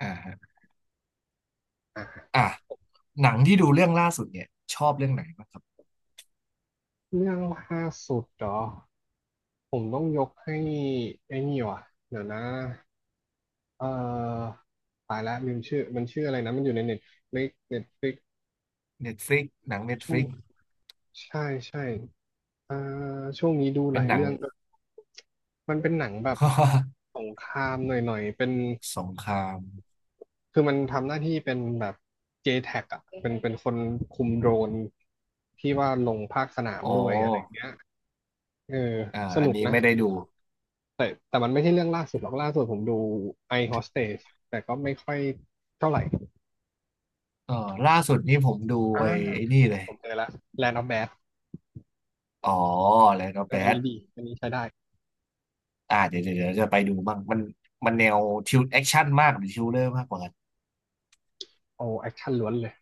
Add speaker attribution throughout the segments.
Speaker 1: อ่าฮะอ่ะหนังที่ดูเรื่องล่าสุดเนี่ยชอบเรื่องไหนบ้างครับ
Speaker 2: เรื่องล่าสุดเหรอผมต้องยกให้ไอ้นี่ว่ะเดี๋ยวนะเอ่อตายแล้วลืมชื่อมันชื่ออะไรนะมันอยู่ในเน็ตฟลิกเน็ตฟลิก
Speaker 1: Netflix หนัง
Speaker 2: ช่วง
Speaker 1: Netflix
Speaker 2: ใช่ใช่เอ่อช่วงนี้ดูห
Speaker 1: เป็น
Speaker 2: ลาย
Speaker 1: หนัง
Speaker 2: เรื่องมันเป็นหนังแบบ สงครามหน่อยๆเป็น
Speaker 1: สงคราม
Speaker 2: คือมันทำหน้าที่เป็นแบบ JTAC อ่ะเป็นคนคุมโดรนที่ว่าลงภาคสนาม
Speaker 1: โอ้
Speaker 2: ด้วยอะไรอย่าง
Speaker 1: อ
Speaker 2: เงี้ยเออ
Speaker 1: ่า
Speaker 2: ส
Speaker 1: อัน
Speaker 2: นุก
Speaker 1: นี้
Speaker 2: นะ
Speaker 1: ไม่ได้ดู
Speaker 2: แต่มันไม่ใช่เรื่องล่าสุดหรอกล่าสุดผมดู I Hostage แต่ก็ไม่ค่อยเท่าไหร่
Speaker 1: เออล่าสุดนี่ผมดู
Speaker 2: อ่า
Speaker 1: ไปไอ้นี่เลย
Speaker 2: ผมเจอละ Land of Bad
Speaker 1: อ๋อแล้วก็
Speaker 2: เอ
Speaker 1: แบ
Speaker 2: ออัน
Speaker 1: ท
Speaker 2: นี้ดีอันนี้ใช้ได้
Speaker 1: อ่าเดี๋ยวจะไปดูบ้างมันแนวทิวแอคชั่นมากหรือทิวเลอร์มากกว่ากัน
Speaker 2: โอ้แอคชั่นล้วนเลย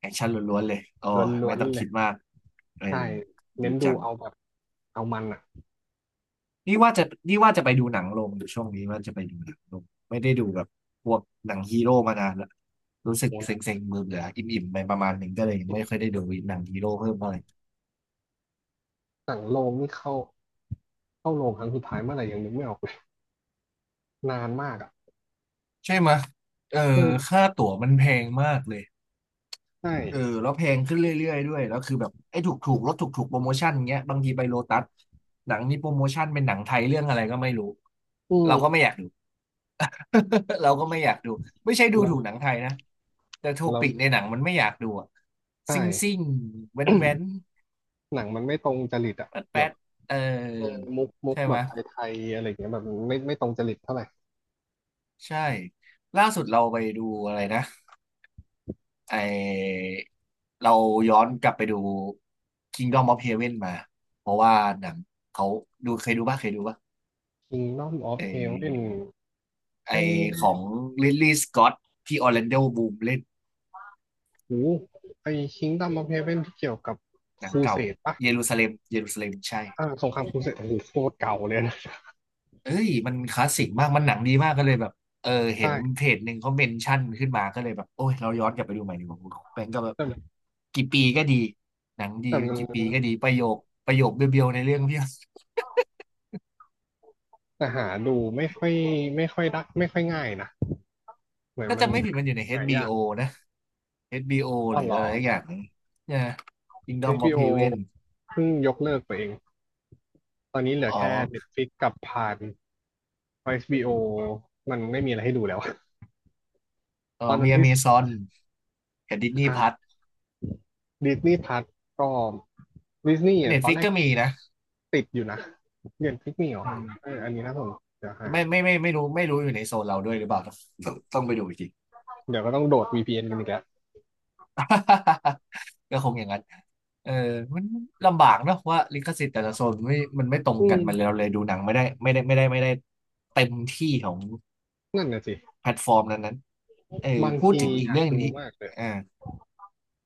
Speaker 1: แอคชั่นล้วนๆเลยอ๋อ
Speaker 2: ล้วนล้
Speaker 1: ไม่
Speaker 2: วน
Speaker 1: ต้อง
Speaker 2: เล
Speaker 1: คิ
Speaker 2: ย
Speaker 1: ดมากเออ
Speaker 2: ใช่
Speaker 1: ดี
Speaker 2: เน้นดู
Speaker 1: จัง
Speaker 2: เอาแบบเอามันอ่ะ
Speaker 1: นี่ว่าจะไปดูหนังลงอูช่วงนี้ว่าจะไปดูหนังลงไม่ได้ดูแบบพวกหนังฮีโร่มานานละรู้สึก
Speaker 2: โอ้ห
Speaker 1: เซ
Speaker 2: นัง
Speaker 1: ็งๆมือเบื่ออิ่มๆไปประมาณหนึ่งก็เลยยังไม่ค่อยได้ดูหนังฮีโร่เพิ่มเท่าไหร่
Speaker 2: สั่งโรงนี่เข้าเข้าโรงครั้งสุดท้ายเมื่อไหร่ยังนึกไม่ออกเลยนานมากอ่ะ
Speaker 1: ใช่ไหมยเออ
Speaker 2: อืม
Speaker 1: ค่าตั๋วมันแพงมากเลย
Speaker 2: ใช่
Speaker 1: เออแล้วแพงขึ้นเรื่อยๆด้วยแล้วคือแบบไอ้ถูกลดถูกโปรโมชั่นเงี้ยบางทีไปโลตัสหนังนี้โปรโมชั่นเป็นหนังไทยเรื่องอะไรก็ไม่รู้
Speaker 2: อื
Speaker 1: เราก็ไม่
Speaker 2: ม
Speaker 1: อยากดู เราก็ไม่อยากดูไม่ใช่ดู
Speaker 2: แล้ว
Speaker 1: ถูกหนังไทยนะแต่โท
Speaker 2: แล้ว
Speaker 1: ปิกในหนังมันไม่อยากดูอะ
Speaker 2: ใช่
Speaker 1: ซิ่งซิ่งแว้นแว้น
Speaker 2: หนังมันไม่ตรงจริตอ่ะ
Speaker 1: แป๊ด
Speaker 2: แบ
Speaker 1: แป๊
Speaker 2: บ
Speaker 1: ดเอ
Speaker 2: เออ
Speaker 1: อ
Speaker 2: มุกมุก
Speaker 1: ใช่
Speaker 2: แบ
Speaker 1: ไหม
Speaker 2: บ
Speaker 1: ย
Speaker 2: ไทยๆอะไรอย่างเงี้ยแบบไม่ตรงจริตเท่าไหร่
Speaker 1: ใช่ล่าสุดเราไปดูอะไรนะ ไอเราย้อนกลับไปดู Kingdom of Heaven มาเพราะว่าหนังเขาดูเคยดูป่ะ
Speaker 2: Kingdom of
Speaker 1: ไอ
Speaker 2: Heaven
Speaker 1: ไอ
Speaker 2: ไม่
Speaker 1: ของลิลลี่สกอตที่ออร์แลนโดบ o ูมเล่น
Speaker 2: หูไอ Kingdom of Heaven ที่เกี่ยวกับ
Speaker 1: ห
Speaker 2: ค
Speaker 1: นัง
Speaker 2: รูเส
Speaker 1: เก่า
Speaker 2: ดปะ
Speaker 1: เยรูซาเล็มใช่
Speaker 2: อ่าสงครามครูเสดโอ้โหโคตรเก่าเลยนะ
Speaker 1: เอ้ยมันคลาสสิกมากมันหนังดีมากก็เลยแบบเออเห็
Speaker 2: ใช่
Speaker 1: นเพจหนึ่งเขาเมนชั่นขึ้นมาก็เลยแบบโอ้ยเราย้อนกลับไปดูใหม่ดีกว่าคุณแบงก์ก็แบบ
Speaker 2: แต่มัน
Speaker 1: กี่ปีก็ดีหนังดี
Speaker 2: แต่
Speaker 1: มั
Speaker 2: มั
Speaker 1: น
Speaker 2: น
Speaker 1: กี่ปีก็ดีประโยคเบียวๆในเรื่องเพียบ
Speaker 2: แต่หาดูไม่ค่อยไม่ค่อยได้ไม่ค่อยง่ายนะเหมือน
Speaker 1: ถ้า
Speaker 2: มัน
Speaker 1: จำไม่ผิดมันอยู่ใน
Speaker 2: หายา
Speaker 1: HBO
Speaker 2: ก
Speaker 1: นะ HBO
Speaker 2: อ้
Speaker 1: ห
Speaker 2: อ
Speaker 1: รือ
Speaker 2: เหร
Speaker 1: อะ
Speaker 2: อ
Speaker 1: ไรอย่างนีเนี่ย
Speaker 2: เอช
Speaker 1: Kingdom
Speaker 2: บี
Speaker 1: of
Speaker 2: b o
Speaker 1: Heaven
Speaker 2: เพิ่งยกเลิกไปเองตอนนี้เหลือ
Speaker 1: อ๋อ
Speaker 2: แค่ Netflix กับพานเอชบี b o มันไม่มีอะไรให้ดูแล้ว
Speaker 1: เออ
Speaker 2: ตอนนั้
Speaker 1: มี
Speaker 2: นที่
Speaker 1: Amazon กับ Disney Plus
Speaker 2: Disney Plus ก็ดิสนีย์อ่ะตอนแร
Speaker 1: Netflix
Speaker 2: ก
Speaker 1: ก็มีนะ
Speaker 2: ติดอยู่นะเรียนพิกมี่หรอ
Speaker 1: เออ
Speaker 2: อันนี้นะผมเดี๋ยวหา
Speaker 1: ไม่รู้อยู่ในโซนเราด้วยหรือเปล่าต้องไปดูอีกที
Speaker 2: เดี๋ยวก็ต้องโดด VPN กันอีกแล้ว
Speaker 1: ก็คงอย่างนั้นเออมันลำบากเนอะว่าลิขสิทธิ์แต่ละโซนไม่มันไม่ตรง
Speaker 2: อื
Speaker 1: กัน
Speaker 2: ม
Speaker 1: มันเลยเราเลยดูหนังไม่ได้เต็มที่ของ
Speaker 2: นั่นน่ะสิ
Speaker 1: แพลตฟอร์มนั้นๆเออ
Speaker 2: บาง
Speaker 1: พูด
Speaker 2: ที
Speaker 1: ถึงอี
Speaker 2: อ
Speaker 1: ก
Speaker 2: ยาก
Speaker 1: เรื่อง
Speaker 2: ดู
Speaker 1: นี้
Speaker 2: มากเลย
Speaker 1: อ่า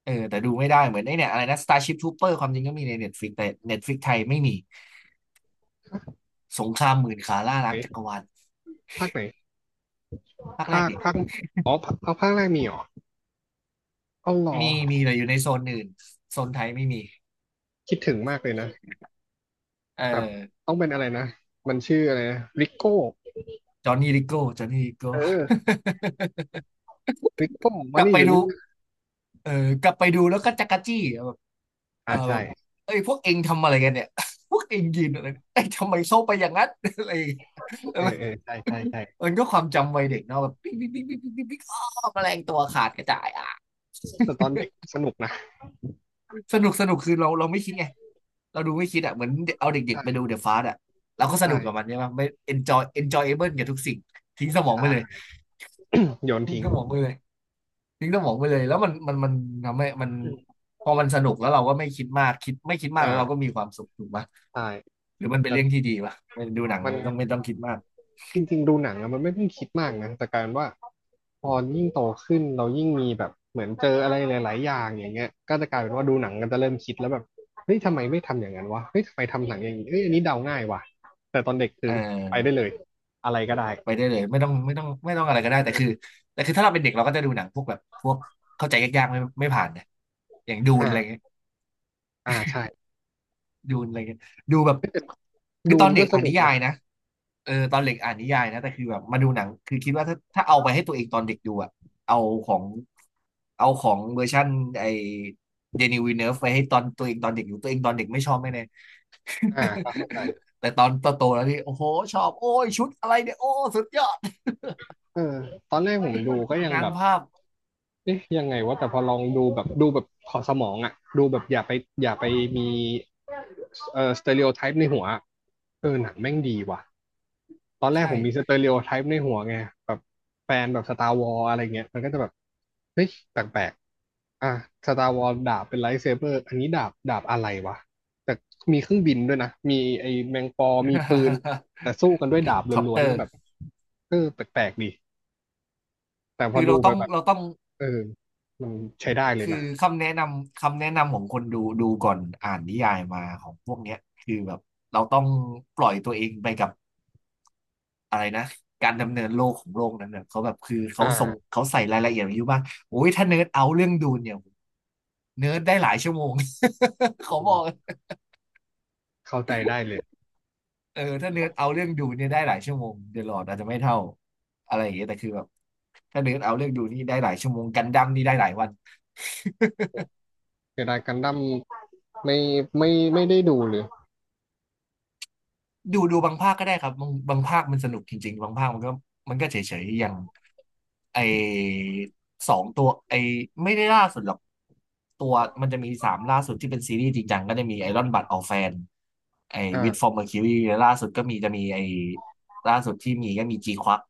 Speaker 1: เออแต่ดูไม่ได้เหมือนไอ้เนี่ยอะไรนะ Starship Trooper ความจริงก็มีใน Netflix แต่ Netflix ไทยไม่มีสงครามหมื่นขาล่า
Speaker 2: ไห
Speaker 1: ล้างจักร
Speaker 2: น
Speaker 1: วาล
Speaker 2: ภาคไหน
Speaker 1: ภาคแรก
Speaker 2: ภาค
Speaker 1: ดิ
Speaker 2: ภาคอ๋อเอาภาคแรกมีเหรอเอาหรอ
Speaker 1: มีมีแต่อยู่ในโซนอื่นโซนไทยไม่มี
Speaker 2: คิดถึงมากเลยนะ
Speaker 1: เอ
Speaker 2: แบบ
Speaker 1: อ
Speaker 2: ต้องเป็นอะไรนะมันชื่ออะไรนะริโก้
Speaker 1: จอห์นนี่ลิโก้
Speaker 2: เออริโก้
Speaker 1: ก
Speaker 2: มา
Speaker 1: ลับ
Speaker 2: นี่
Speaker 1: ไป
Speaker 2: เดี๋ยว
Speaker 1: ดู
Speaker 2: นี้นะ
Speaker 1: เออกลับไปดูแล้วก็จักรจี้อะแบบเอ
Speaker 2: อ่า
Speaker 1: อแบ
Speaker 2: ใช่
Speaker 1: บเอ้ยพวกเองทำอะไรกันเนี่ย พวกเองยืนอะไรเอ้ยทำไมเข้าไปอย่างนั้น อะไรอย่างเงี้ยแล้
Speaker 2: เอ
Speaker 1: ว
Speaker 2: อเออใช่ใช่ใช่
Speaker 1: มันก็ความจำวัยเด็กเนาะแบบปิ๊งปิ๊งปิ๊งปิ๊งปิ๊งปิ๊งอ้อแมลงตัวขาดกระจายอ่ะ
Speaker 2: แต่ตอนเด็กสนุกนะ
Speaker 1: สนุกสนุกคือเราไม่คิดไงเราดูไม่คิดอ่ะเหมือนเอาเด็กๆไปดู
Speaker 2: ใช่
Speaker 1: เดอะฟาสอ่ะเราก็สนุกกับมัน
Speaker 2: ใช่
Speaker 1: ใช่ไหมไม่ enjoy enjoyable กับทุกสิ่งทิ้งสมองไปเลย
Speaker 2: ใช่โยน
Speaker 1: ทิ้ง
Speaker 2: ทิ้ง
Speaker 1: สมองไปเลยทิ้งสมองไปเลยแล้วมันทำให้มันพอมันสนุกแล้วเราก็ไม่คิดมากไม่คิดมาก
Speaker 2: อ่า
Speaker 1: แล้วเราก็มีความสุขถูกปะ
Speaker 2: ใช่
Speaker 1: หรือมันเป็น
Speaker 2: แต่
Speaker 1: เรื่องที่ดีปะไม่ดูหนัง
Speaker 2: มัน
Speaker 1: มันต้องไม่ต้องคิดมาก
Speaker 2: จริงๆดูหนังอะมันไม่ต้องคิดมากนะแต่กลารว่าพอยิ่งโตขึ้นเรายิ่งมีแบบเหมือนเจออะไรหลายๆอย่างอย่างเงี้ยก็จะกลายเป็นว่าดูหนังกนจะเริ่มคิดแล้วแบบเฮ้ยทำไมไม่ทำอย่างนั้นวะเฮ้ยทำไมทำหนังอย่างนี้เอ้ยอันนี้เดาง่ายว่ะแต่ตอนเด็ก
Speaker 1: เ
Speaker 2: คือไป
Speaker 1: ออ
Speaker 2: ได้เลยอะไรก็ได้
Speaker 1: ไปได้เลยไม่ต้องอะไรก็ได้
Speaker 2: เออ
Speaker 1: แต่คือถ้าเราเป็นเด็กเราก็จะดูหนังพวกแบบพวกเข้าใจยากๆไม่ผ่านนะอย่างดูนอะไร
Speaker 2: อ่าอ่าใช่
Speaker 1: ดูอะไรเงี้ยดูแบบคือ
Speaker 2: ดู
Speaker 1: ตอ
Speaker 2: น
Speaker 1: นเด็
Speaker 2: ก็
Speaker 1: ก
Speaker 2: ส
Speaker 1: อ่าน
Speaker 2: นุ
Speaker 1: นิ
Speaker 2: ก
Speaker 1: ยา
Speaker 2: นะ
Speaker 1: ยนะเออตอนเด็กอ่านนิยายนะแต่คือแบบมาดูหนังคือคิดว่าถ้าเอาไปให้ตัวเองตอนเด็กดูอะเอาของเวอร์ชันไอเดนิวินเนร์ฟไปให้ตอนตัวเองตอนเด็กดูตัวเองตอนเด็กไม่ชอบแน่
Speaker 2: อ่าก็เข้าใจ
Speaker 1: แต่ตอนโตๆแล้วนี่โอ้โหชอบโอ้ยชุดอะไรเนี่ยโอ้สุดยอด
Speaker 2: เออตอนแรกผมดูก็ยัง
Speaker 1: งา
Speaker 2: แบ
Speaker 1: น
Speaker 2: บ
Speaker 1: ภาพ
Speaker 2: เอ๊ะยังไงวะแต่พอลองดูแบบดูแบบขอดสมองอะดูแบบอย่าไปมี สเตอริโอไทป์ในหัวเออหนังแม่งดีว่ะตอนแร
Speaker 1: ใ
Speaker 2: กผมมีส
Speaker 1: ช่
Speaker 2: เตอริโอไทป์ในหัวไงแบบแฟนแบบสตาร์วอลอะไรเงี้ยมันก็จะแบบเฮ้ยแปลกๆอ่ะสตาร์วอลดาบเป็นไลท์เซเบอร์อันนี้ดาบดาบอะไรวะแต่มีเครื่องบินด้วยนะมีไอ้แมงปอมีปืนแต่สู้กันด้วยดาบ
Speaker 1: คอป
Speaker 2: ล้
Speaker 1: เต
Speaker 2: ว
Speaker 1: อ
Speaker 2: นๆก็
Speaker 1: ร์
Speaker 2: แบบเออแปลกๆดีแต่พอ
Speaker 1: คือ
Speaker 2: ดูไปแบบ
Speaker 1: เราต้อง
Speaker 2: เออมันใช้ได้เลย
Speaker 1: คื
Speaker 2: นะ
Speaker 1: อคำแนะนำของคนดูดูก่อนอ่านนิยายมาของพวกเนี้ยคือแบบเราต้องปล่อยตัวเองไปกับอะไรนะการดำเนินโลกของโลกนั้นเนี่ยเขาแบบคือเขาส่ง
Speaker 2: อ่า
Speaker 1: เขาใส่รายละเอียดไว้เยอะมากโอ้ยถ้าเนิร์ดเอาเรื่องดูนเนี่ยเนิร์ดได้หลายชั่วโมง เขา
Speaker 2: อื
Speaker 1: บอ
Speaker 2: ม
Speaker 1: ก
Speaker 2: เข้าใจได้เลย
Speaker 1: เออถ้าเนิร์ดเอาเรื่องดูนเนี่ยได้หลายชั่วโมงเดอะลอร์ดอาจจะไม่เท่าอะไรอย่างเงี้ยแต่คือแบบถ้าเนิร์ดเอาเรื่องดูนี่ได้หลายชั่วโมงกันดั้มนี่ได้หลายวัน
Speaker 2: ใช้ได้กันดั้ม ไม่ไม่ไม่ได้ดูเลย
Speaker 1: ดูบางภาคก็ได้ครับบางภาคมันสนุกจริงๆบางภาคมันก็เฉยๆอย่าง ไอ้สองตัวไอ้ไม่ได้ล่าสุดหรอกตัวมันจะมีสามล่าสุดที่เป็นซีรีส์จริงจังก็จะมีไอรอนบัดออลแฟนไอ้วิดฟอ
Speaker 2: อ่า
Speaker 1: ร์มเมอร์คิวรีล่าสุดก็มีจะมีไอ้ล่าสุดที่มีก็มีจีควัก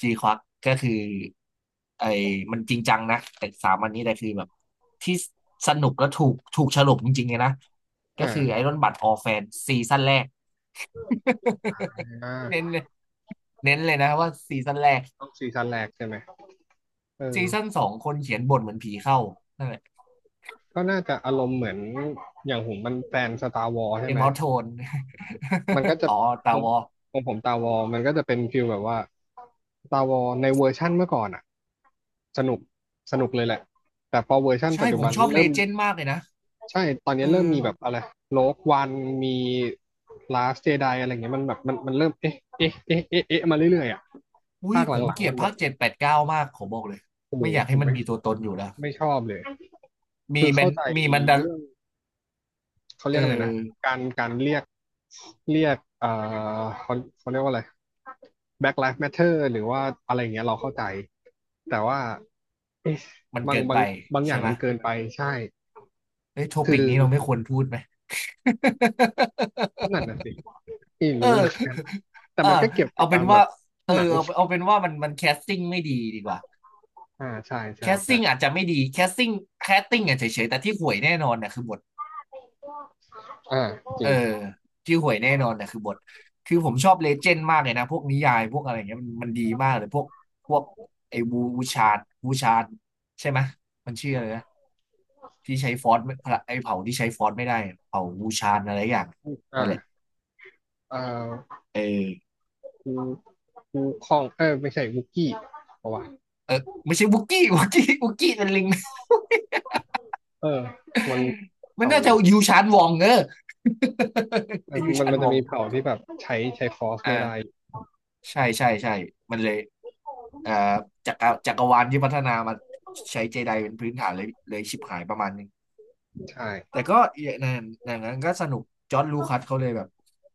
Speaker 1: จีควักก็คือไอ้มันจริงจังนะแต่สามอันนี้แต่คือแบบที่สนุกและถูกฉลกจริงๆเลยนะก็คือไอ
Speaker 2: อ่า
Speaker 1: รอนบัดออลแฟนซีซั่นแรก
Speaker 2: อ่า
Speaker 1: เน้นเน้นเลยนะว่าซีซั่นแรก
Speaker 2: ต้องซีซั่นแรกใช่ไหมเออ
Speaker 1: ซีซั่นสองคนเขียนบทเหมือนผีเข้า
Speaker 2: ก็น่าจะอารมณ์เหมือนอย่างผมมันแฟนสตาร์วอล
Speaker 1: เก
Speaker 2: ใช่
Speaker 1: ม
Speaker 2: ไหม
Speaker 1: ออฟโทน
Speaker 2: มันก็จะ
Speaker 1: อ๋อ
Speaker 2: ข
Speaker 1: ตา
Speaker 2: อง
Speaker 1: วอ
Speaker 2: ของผมตาวอลมันก็จะเป็นฟิลแบบว่าตาวอลในเวอร์ชั่นเมื่อก่อนอ่ะสนุกสนุกเลยแหละ แต่พอเวอร์ชั่นปั
Speaker 1: ใช่
Speaker 2: จจุ
Speaker 1: ผ
Speaker 2: บั
Speaker 1: ม
Speaker 2: น
Speaker 1: ชอบเล
Speaker 2: เริ่ม
Speaker 1: เจนด์มากเลยนะ
Speaker 2: ใช่ ตอนนี้
Speaker 1: เออ
Speaker 2: เริ่มมีแบบอะไรโลกวันมีลาสเจไดอะไรเงี้ยมันแบบมันเริ่มเอ๊ะเอ๊ะเอ๊ะเอ๊ะเอ๊ะมาเรื่อยๆอ่ะ
Speaker 1: อุ้ย
Speaker 2: ภาคห
Speaker 1: ผม
Speaker 2: ลั
Speaker 1: เก
Speaker 2: ง
Speaker 1: ลี
Speaker 2: ๆ
Speaker 1: ยด
Speaker 2: มันแบ
Speaker 1: ภา
Speaker 2: บ
Speaker 1: คเจ็ดแปดเก้ามากผมบอกเลย
Speaker 2: โอ้โห
Speaker 1: ไม่อยาก
Speaker 2: ผ
Speaker 1: ให้
Speaker 2: ม
Speaker 1: มัน
Speaker 2: ไม่
Speaker 1: มีตัวตนอยู่แล้ว
Speaker 2: ไม่ชอบเลย
Speaker 1: มี
Speaker 2: คือ
Speaker 1: มั
Speaker 2: เข้า
Speaker 1: น
Speaker 2: ใจ
Speaker 1: มีมันดา
Speaker 2: เรื่องเขาเรี
Speaker 1: เอ
Speaker 2: ยกอะไรนะ
Speaker 1: อ
Speaker 2: การเรียกเรียกเขาเขาเรียกว่าอะไร Black Lives Matter หรือว่าอะไรอย่างเงี้ยเราเข้าใจแต่ว่าเอ๊ะ
Speaker 1: มัน
Speaker 2: บา
Speaker 1: เกิ
Speaker 2: ง
Speaker 1: น
Speaker 2: บา
Speaker 1: ไป
Speaker 2: งบางอ
Speaker 1: ใช่
Speaker 2: ย่าง
Speaker 1: ไหม
Speaker 2: มันเกินไปใช่
Speaker 1: เอ้ยโท
Speaker 2: คือ
Speaker 1: ปิกนี้เราไม่ควรพูดไหม
Speaker 2: นั่นน่ะสิไม่
Speaker 1: เออ
Speaker 2: รู้เหมือนกันแต่
Speaker 1: เออ
Speaker 2: มันก็เกี่ยวกั
Speaker 1: เอา
Speaker 2: บ
Speaker 1: เป็
Speaker 2: กา
Speaker 1: น
Speaker 2: รแบ
Speaker 1: ว่า
Speaker 2: บ
Speaker 1: เออ
Speaker 2: หนัง
Speaker 1: เอาเอาเป็นว่ามันแคสติ้งไม่ดีกว่า
Speaker 2: อ่าใช่
Speaker 1: แค
Speaker 2: ใช่
Speaker 1: ส
Speaker 2: ใช่
Speaker 1: ติ้งอาจจะไม่ดีแคสติ้งแคสติ้งอ่ะเฉยๆแต่ที่ห่วยแน่นอนเนี่ยคือบท
Speaker 2: อ่าจ
Speaker 1: เอ
Speaker 2: ริ
Speaker 1: อ
Speaker 2: ง
Speaker 1: ชื่อหวยแน่นอนนะคือบทคือผมชอบเลเจนด์มากเลยนะพวกนิยายพวกอะไรเงี้ยมันดีมากเลยพวกไอ้วูชาดวูชาดใช่ไหมยมันชื่ออะไรนะที่ใช้ฟอสไม่ไอ้เผ่าที่ใช้ฟอสไม่ได้เผ่าวูชาดอะไรอย่างนั่นแหละ
Speaker 2: อ่าเอ่อ
Speaker 1: เออ
Speaker 2: กูกูคองเออไม่ใช่วุกกี้เพราะว่า
Speaker 1: เออไม่ใช่วุกกี้ วุกกี้เป็นลิง
Speaker 2: เออมัน
Speaker 1: มัน
Speaker 2: เขา
Speaker 1: น่า
Speaker 2: อะไร
Speaker 1: จะ
Speaker 2: นะ
Speaker 1: ยูชานวองเออ
Speaker 2: เออ
Speaker 1: ยู
Speaker 2: มัน
Speaker 1: ชาน
Speaker 2: มัน
Speaker 1: ว
Speaker 2: จะ
Speaker 1: อง
Speaker 2: มีเผ่าที่แบบใช้ฟอร์สไม่ได้
Speaker 1: อ่า ใช่ใช่ใช่มันเลยเอ่อจักรวาลที่พัฒนามาใช้เจไดเป็นพื้นฐานเลยชิบหายประมาณนึง
Speaker 2: ใช่
Speaker 1: แต่ก็อย่างนั้นก็สนุกจอร์จลูคัสเขาเลยแบบ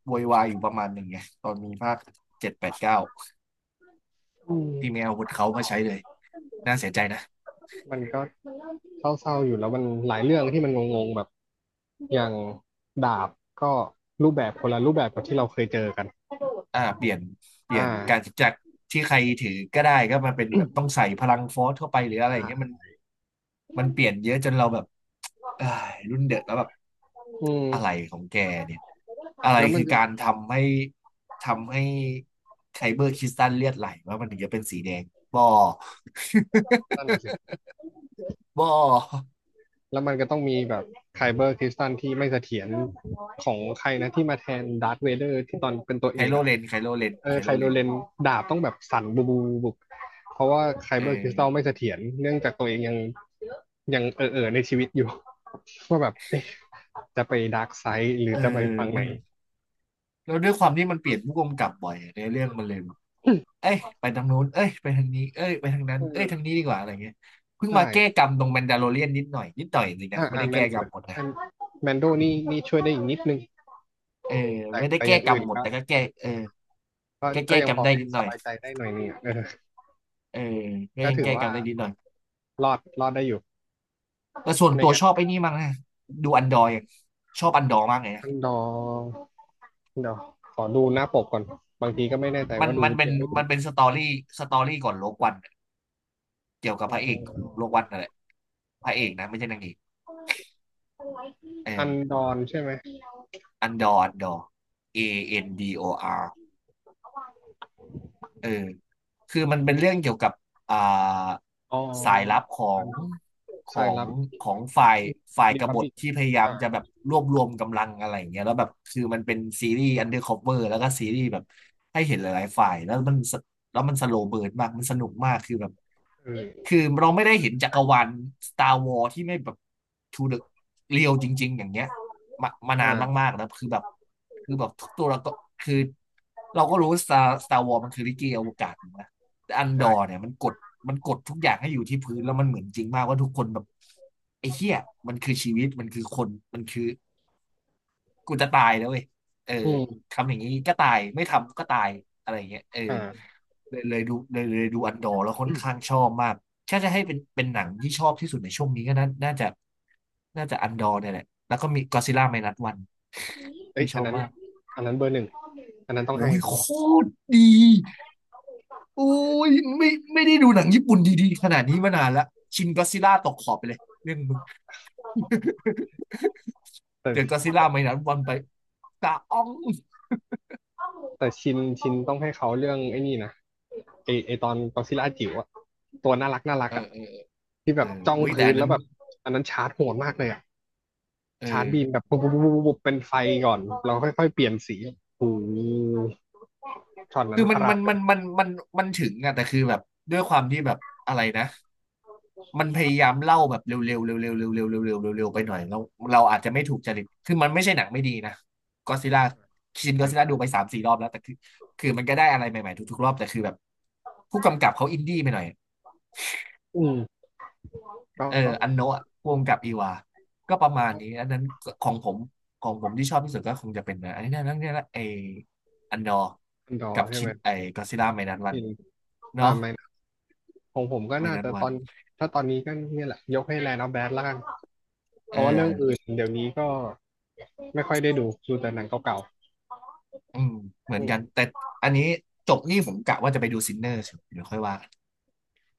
Speaker 1: โวยวายอยู่ประมาณหนึ่งไงตอนมีภาคเจ็ดแปดเก้า
Speaker 2: อืม
Speaker 1: ที่ไม่เอาอาวุธเขามาใช้เลยน่าเสียใจนะ
Speaker 2: มันก็เศร้าๆอยู่แล้วมันหลายเรื่องที่มันงงๆแบบอย่างดาบก็รูปแบบคนละรูปแบบกับที่เราเคยเจอกัน
Speaker 1: อ่าเปลี่ยนเปลี่ย
Speaker 2: อ่า
Speaker 1: นการจากที่ใครถือก็ได้ก็มาเป็นแบบต้องใส่พลังฟอร์สเข้าไปหรืออะไรอย่างเงี้ยมั
Speaker 2: ใช่
Speaker 1: นมันเปลี่ยนเยอะจนเราแบบเอ้ยรุ่นเด็กแล้วแบบ
Speaker 2: อืม
Speaker 1: อะไรของแกเนี่ยอะไร
Speaker 2: แล้วมัน
Speaker 1: คือ
Speaker 2: จะ
Speaker 1: การทำให้ไคเบอร์คริสตัลเลือดไหลว่ามันถึงจะเป็นสีแดงบอ
Speaker 2: นั่นน่ะสิ
Speaker 1: บอ
Speaker 2: แล้วมันก็ต้องมีแบบไคเบอร์คริสตัลที่ไม่เสถียรของใครนะที่มาแทนดาร์ธเวเดอร์ที่ตอนเป็นตัว
Speaker 1: ไค
Speaker 2: เอก
Speaker 1: โล
Speaker 2: อ่ะ
Speaker 1: เรนไคโลเรน
Speaker 2: เอ
Speaker 1: ไค
Speaker 2: อไค
Speaker 1: โลเร
Speaker 2: โร
Speaker 1: น
Speaker 2: เลนดาบต้องแบบสั่นบูบูบุบ เพราะว่าไค
Speaker 1: เอ
Speaker 2: เบอร์คริสตัลไม่
Speaker 1: อ
Speaker 2: เสถียรเนื่องจากตัวเองยังเออในชีวิตอยู่ ว่าแบบจะไปดาร์กไซด์หรือ
Speaker 1: เออ
Speaker 2: จะไปฟังไห
Speaker 1: มั
Speaker 2: น
Speaker 1: นแล้วด้วยความที่มันเปลี่ยนผู้กำกับบ่อยในเรื่องมันเลยแบบเอ้ยไปทางโน้นเอ้ยไปทางนี้เอ้ยไปทางนั้นเอ้ยทาง
Speaker 2: เออ
Speaker 1: นี้ดีกว่าอะไรเงี้ยเพิ่งมา
Speaker 2: ใช่
Speaker 1: แก้กรรมตรงแมนดาโลเรียนนิดหน่อยจริงนะ
Speaker 2: อ่า
Speaker 1: ไม่
Speaker 2: อ่า
Speaker 1: ได้
Speaker 2: แม
Speaker 1: แก้
Speaker 2: น
Speaker 1: กรรมหมดนะ
Speaker 2: ใช่แมนโดนี่นี่ช่วยได้อีกนิดนึง
Speaker 1: เออ
Speaker 2: แต่
Speaker 1: ไม่ได้
Speaker 2: แต่อ
Speaker 1: แก้
Speaker 2: ย่าง
Speaker 1: กร
Speaker 2: อื่
Speaker 1: รม
Speaker 2: น
Speaker 1: หมด
Speaker 2: ก็
Speaker 1: แต่ก็แก้เออ
Speaker 2: ก็
Speaker 1: แก้
Speaker 2: ก็
Speaker 1: แก้
Speaker 2: ยัง
Speaker 1: กร
Speaker 2: พ
Speaker 1: รม
Speaker 2: อ
Speaker 1: ได้
Speaker 2: ให้
Speaker 1: นิดห
Speaker 2: ส
Speaker 1: น่อย
Speaker 2: บายใจได้หน่อยนึงอะเออ
Speaker 1: เออก็
Speaker 2: ก็
Speaker 1: ยัง
Speaker 2: ถือ
Speaker 1: แก้กร
Speaker 2: ว่า
Speaker 1: รมได้นิดหน่อย
Speaker 2: รอดได้อยู่
Speaker 1: แต่ส่วน
Speaker 2: ไม่
Speaker 1: ตัว
Speaker 2: งั้น
Speaker 1: ชอบไอ้นี่มากนะดูอันดอร์อย่างชอบอันดอร์มากเลยนะ
Speaker 2: ต้องรอเดี๋ยวขอดูหน้าปกก่อนบางทีก็ไม่แน่ใจ
Speaker 1: มัน
Speaker 2: ว่าดู
Speaker 1: มันเป็น
Speaker 2: ยังไม่ดู
Speaker 1: มันเป็นสตอรี่ก่อนโลกวันอะเกี่ยวกับ
Speaker 2: เอ่
Speaker 1: พระเอกของ
Speaker 2: อ
Speaker 1: โลกวันนั่นแหละพระเอกนะไม่ใช่นางเอกเอ
Speaker 2: อัน
Speaker 1: อ
Speaker 2: ดอนใช่ไหม
Speaker 1: อันดอร์ Andor เออคือมันเป็นเรื่องเกี่ยวกับอ่า
Speaker 2: อ๋อ
Speaker 1: สายลับ
Speaker 2: อันดอน
Speaker 1: ขอ
Speaker 2: สาย
Speaker 1: ง
Speaker 2: ลับ
Speaker 1: ของฝ่าย
Speaker 2: รี
Speaker 1: ก
Speaker 2: พั
Speaker 1: บ
Speaker 2: บ
Speaker 1: ฏ
Speaker 2: ลิก
Speaker 1: ที่พยายาม
Speaker 2: อ่า
Speaker 1: จะแบบรวบรวมกำลังอะไรอย่างเงี้ยแล้วแบบคือมันเป็นซีรีส์อันเดอร์คอเอร์แล้วก็ซีรีส์แบบให้เห็นหลายๆฝ่ายแล้วมันสโลว์เบิร์นมากมันสนุกมากคือแบบ
Speaker 2: เออ
Speaker 1: คือเราไม่ได้เห็นจักรวาล Star Wars ที่ไม่แบบ to the real จริงๆอย่างเงี้ย มานาน
Speaker 2: อ่า
Speaker 1: มากๆแล้วคือแบบคือแบบทุกตัวเราก็คือเราก็รู้สตาร์วอร์มันคือลิเกอวกาศถูกไหมแต่อันด
Speaker 2: ใช่
Speaker 1: อร์เนี่ยมันกดทุกอย่างให้อยู่ที่พื้นแล้วมันเหมือนจริงมากว่าทุกคนแบบไอ้เหี้ยมันคือชีวิตมันคือคนมันคือ กูจะตายแล้วเว้ยเออ
Speaker 2: อืม
Speaker 1: ทำอย่างนี้ก็ตาย ไม่ทำก็ตาย อะไรอย่างเงี้ยเออ
Speaker 2: อ่า
Speaker 1: เลยเลยดูเลยเลยดูอันดอร์แล้วค่อนข้างชอบมากถ้าจะให้เป็นหนังที่ชอบที่สุดในช่วงนี้ก็น่าจะน่าจะอันดอร์เนี่ยแหละแล้วก็มีก็ซิล่าไมนัสวัน
Speaker 2: เอ้ย
Speaker 1: ที่ช
Speaker 2: อั
Speaker 1: อ
Speaker 2: น
Speaker 1: บ
Speaker 2: นั้น
Speaker 1: มาก
Speaker 2: อันนั้นเบอร์หนึ่งอันนั้นต้อง
Speaker 1: โอ้
Speaker 2: ให้
Speaker 1: ยโคตรดีโอ้ยไม่ไม่ได้ดูหนังญี่ปุ่นดีๆขนาดนี้มานานละชินก็ซิล่าตกขอบไปเลยเรื่องมึง เดี๋ยวก็
Speaker 2: แต่
Speaker 1: ซิล่าไมนัสวันไปตาอ้อง
Speaker 2: แต่ชินต้องให้เขาเรื่องไอ้นี่นะไอตอนกอซิลล่าจิ๋วอะตัวน่ารักน่ารัก
Speaker 1: เออ
Speaker 2: อะที่แบ
Speaker 1: เออ
Speaker 2: บจ้อง
Speaker 1: อุ้ยแต่
Speaker 2: พื้น
Speaker 1: อัน
Speaker 2: แล้
Speaker 1: นั้
Speaker 2: ว
Speaker 1: น
Speaker 2: แบบอันนั้นชาร์จโหดมากเลยอะ
Speaker 1: เออ
Speaker 2: ชาร์จบีมแบบปุ๊บปุ๊บปุ๊บปุ๊บเป็นไฟก่อนเราค่อยๆเปลี่ยนสีโอ้โหช็อตนั้
Speaker 1: คื
Speaker 2: น
Speaker 1: อ
Speaker 2: ป
Speaker 1: มัน
Speaker 2: ระหลา
Speaker 1: มั
Speaker 2: ด
Speaker 1: น
Speaker 2: เล
Speaker 1: มั
Speaker 2: ย
Speaker 1: นมันมันมันถึงอะแต่คือแบบด้วยความที่แบบอะไรนะ มันพยายามเล่าแบบเร็วๆเร็วๆเร็วๆเร็วๆเร็วๆเร็วๆเร็วๆไปหน่อยเราอาจจะไม่ถูกจริตคือมันไม่ใช่หนังไม่ดีนะก็ซิล่าชิน
Speaker 2: ใ
Speaker 1: ก็ซิล่า
Speaker 2: ช่
Speaker 1: ดูไปสามสี่รอบแล้วแต่คือคือมันก็ได้อะไรใหม่ๆทุกๆรอบแต่คือแบบผู้กำกับเขาอินดี้ไปหน่อย
Speaker 2: อืมก็
Speaker 1: เออ
Speaker 2: ก็
Speaker 1: อันโนะพ่วงกับอีวาก็ประมาณนี้อันนั้นของผมของผมที่ชอบที่สุดก็คงจะเป็นนะอันนี้นะนั่นนี่ละไออันดอร์
Speaker 2: อันดอ
Speaker 1: กับ
Speaker 2: ใช่
Speaker 1: ชิ
Speaker 2: ไหม
Speaker 1: นไอกอซิล่าไมนัสวั
Speaker 2: ชิ
Speaker 1: น
Speaker 2: น อ่า
Speaker 1: เนาะ
Speaker 2: ไม่นะของผมก็
Speaker 1: ไม
Speaker 2: น่า
Speaker 1: นัส
Speaker 2: จะต
Speaker 1: วั
Speaker 2: อ
Speaker 1: น
Speaker 2: นถ้าตอนนี้ก็เนี่ยแหละยกให้แลนด์ออฟแบดละกันเพ
Speaker 1: เอ
Speaker 2: ราะว่าเรื่องอื่น
Speaker 1: อ
Speaker 2: เดี๋ยวนี้ก็ไม่ค่อยได้ดูดูแต่หนังเก่า
Speaker 1: อืมเห
Speaker 2: ๆ
Speaker 1: มือน
Speaker 2: อืม
Speaker 1: กันแต่อันนี้จบนี่ผมกะว่าจะไปดูซินเนอร์เดี๋ยวค่อยว่ากัน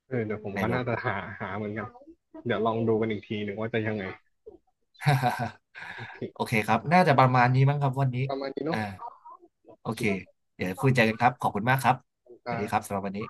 Speaker 2: เออเดี๋ยวผม
Speaker 1: ใน
Speaker 2: ก็
Speaker 1: โร
Speaker 2: น่า
Speaker 1: ง
Speaker 2: จะหาเหมือนกันเดี๋ยวลองดูกันอีกทีหนึ่งว่าจะยังไง โอเค
Speaker 1: โอเคครับน่าจะประมาณนี้มั้งครับวันนี้
Speaker 2: ประมาณนี้เนาะ
Speaker 1: อ่า
Speaker 2: โอ
Speaker 1: โอ
Speaker 2: เค
Speaker 1: เคเดี๋ยวคุยใจกันครับขอบคุณมากครับสวัสดีครั
Speaker 2: อ่า
Speaker 1: บสำหรับวันนี้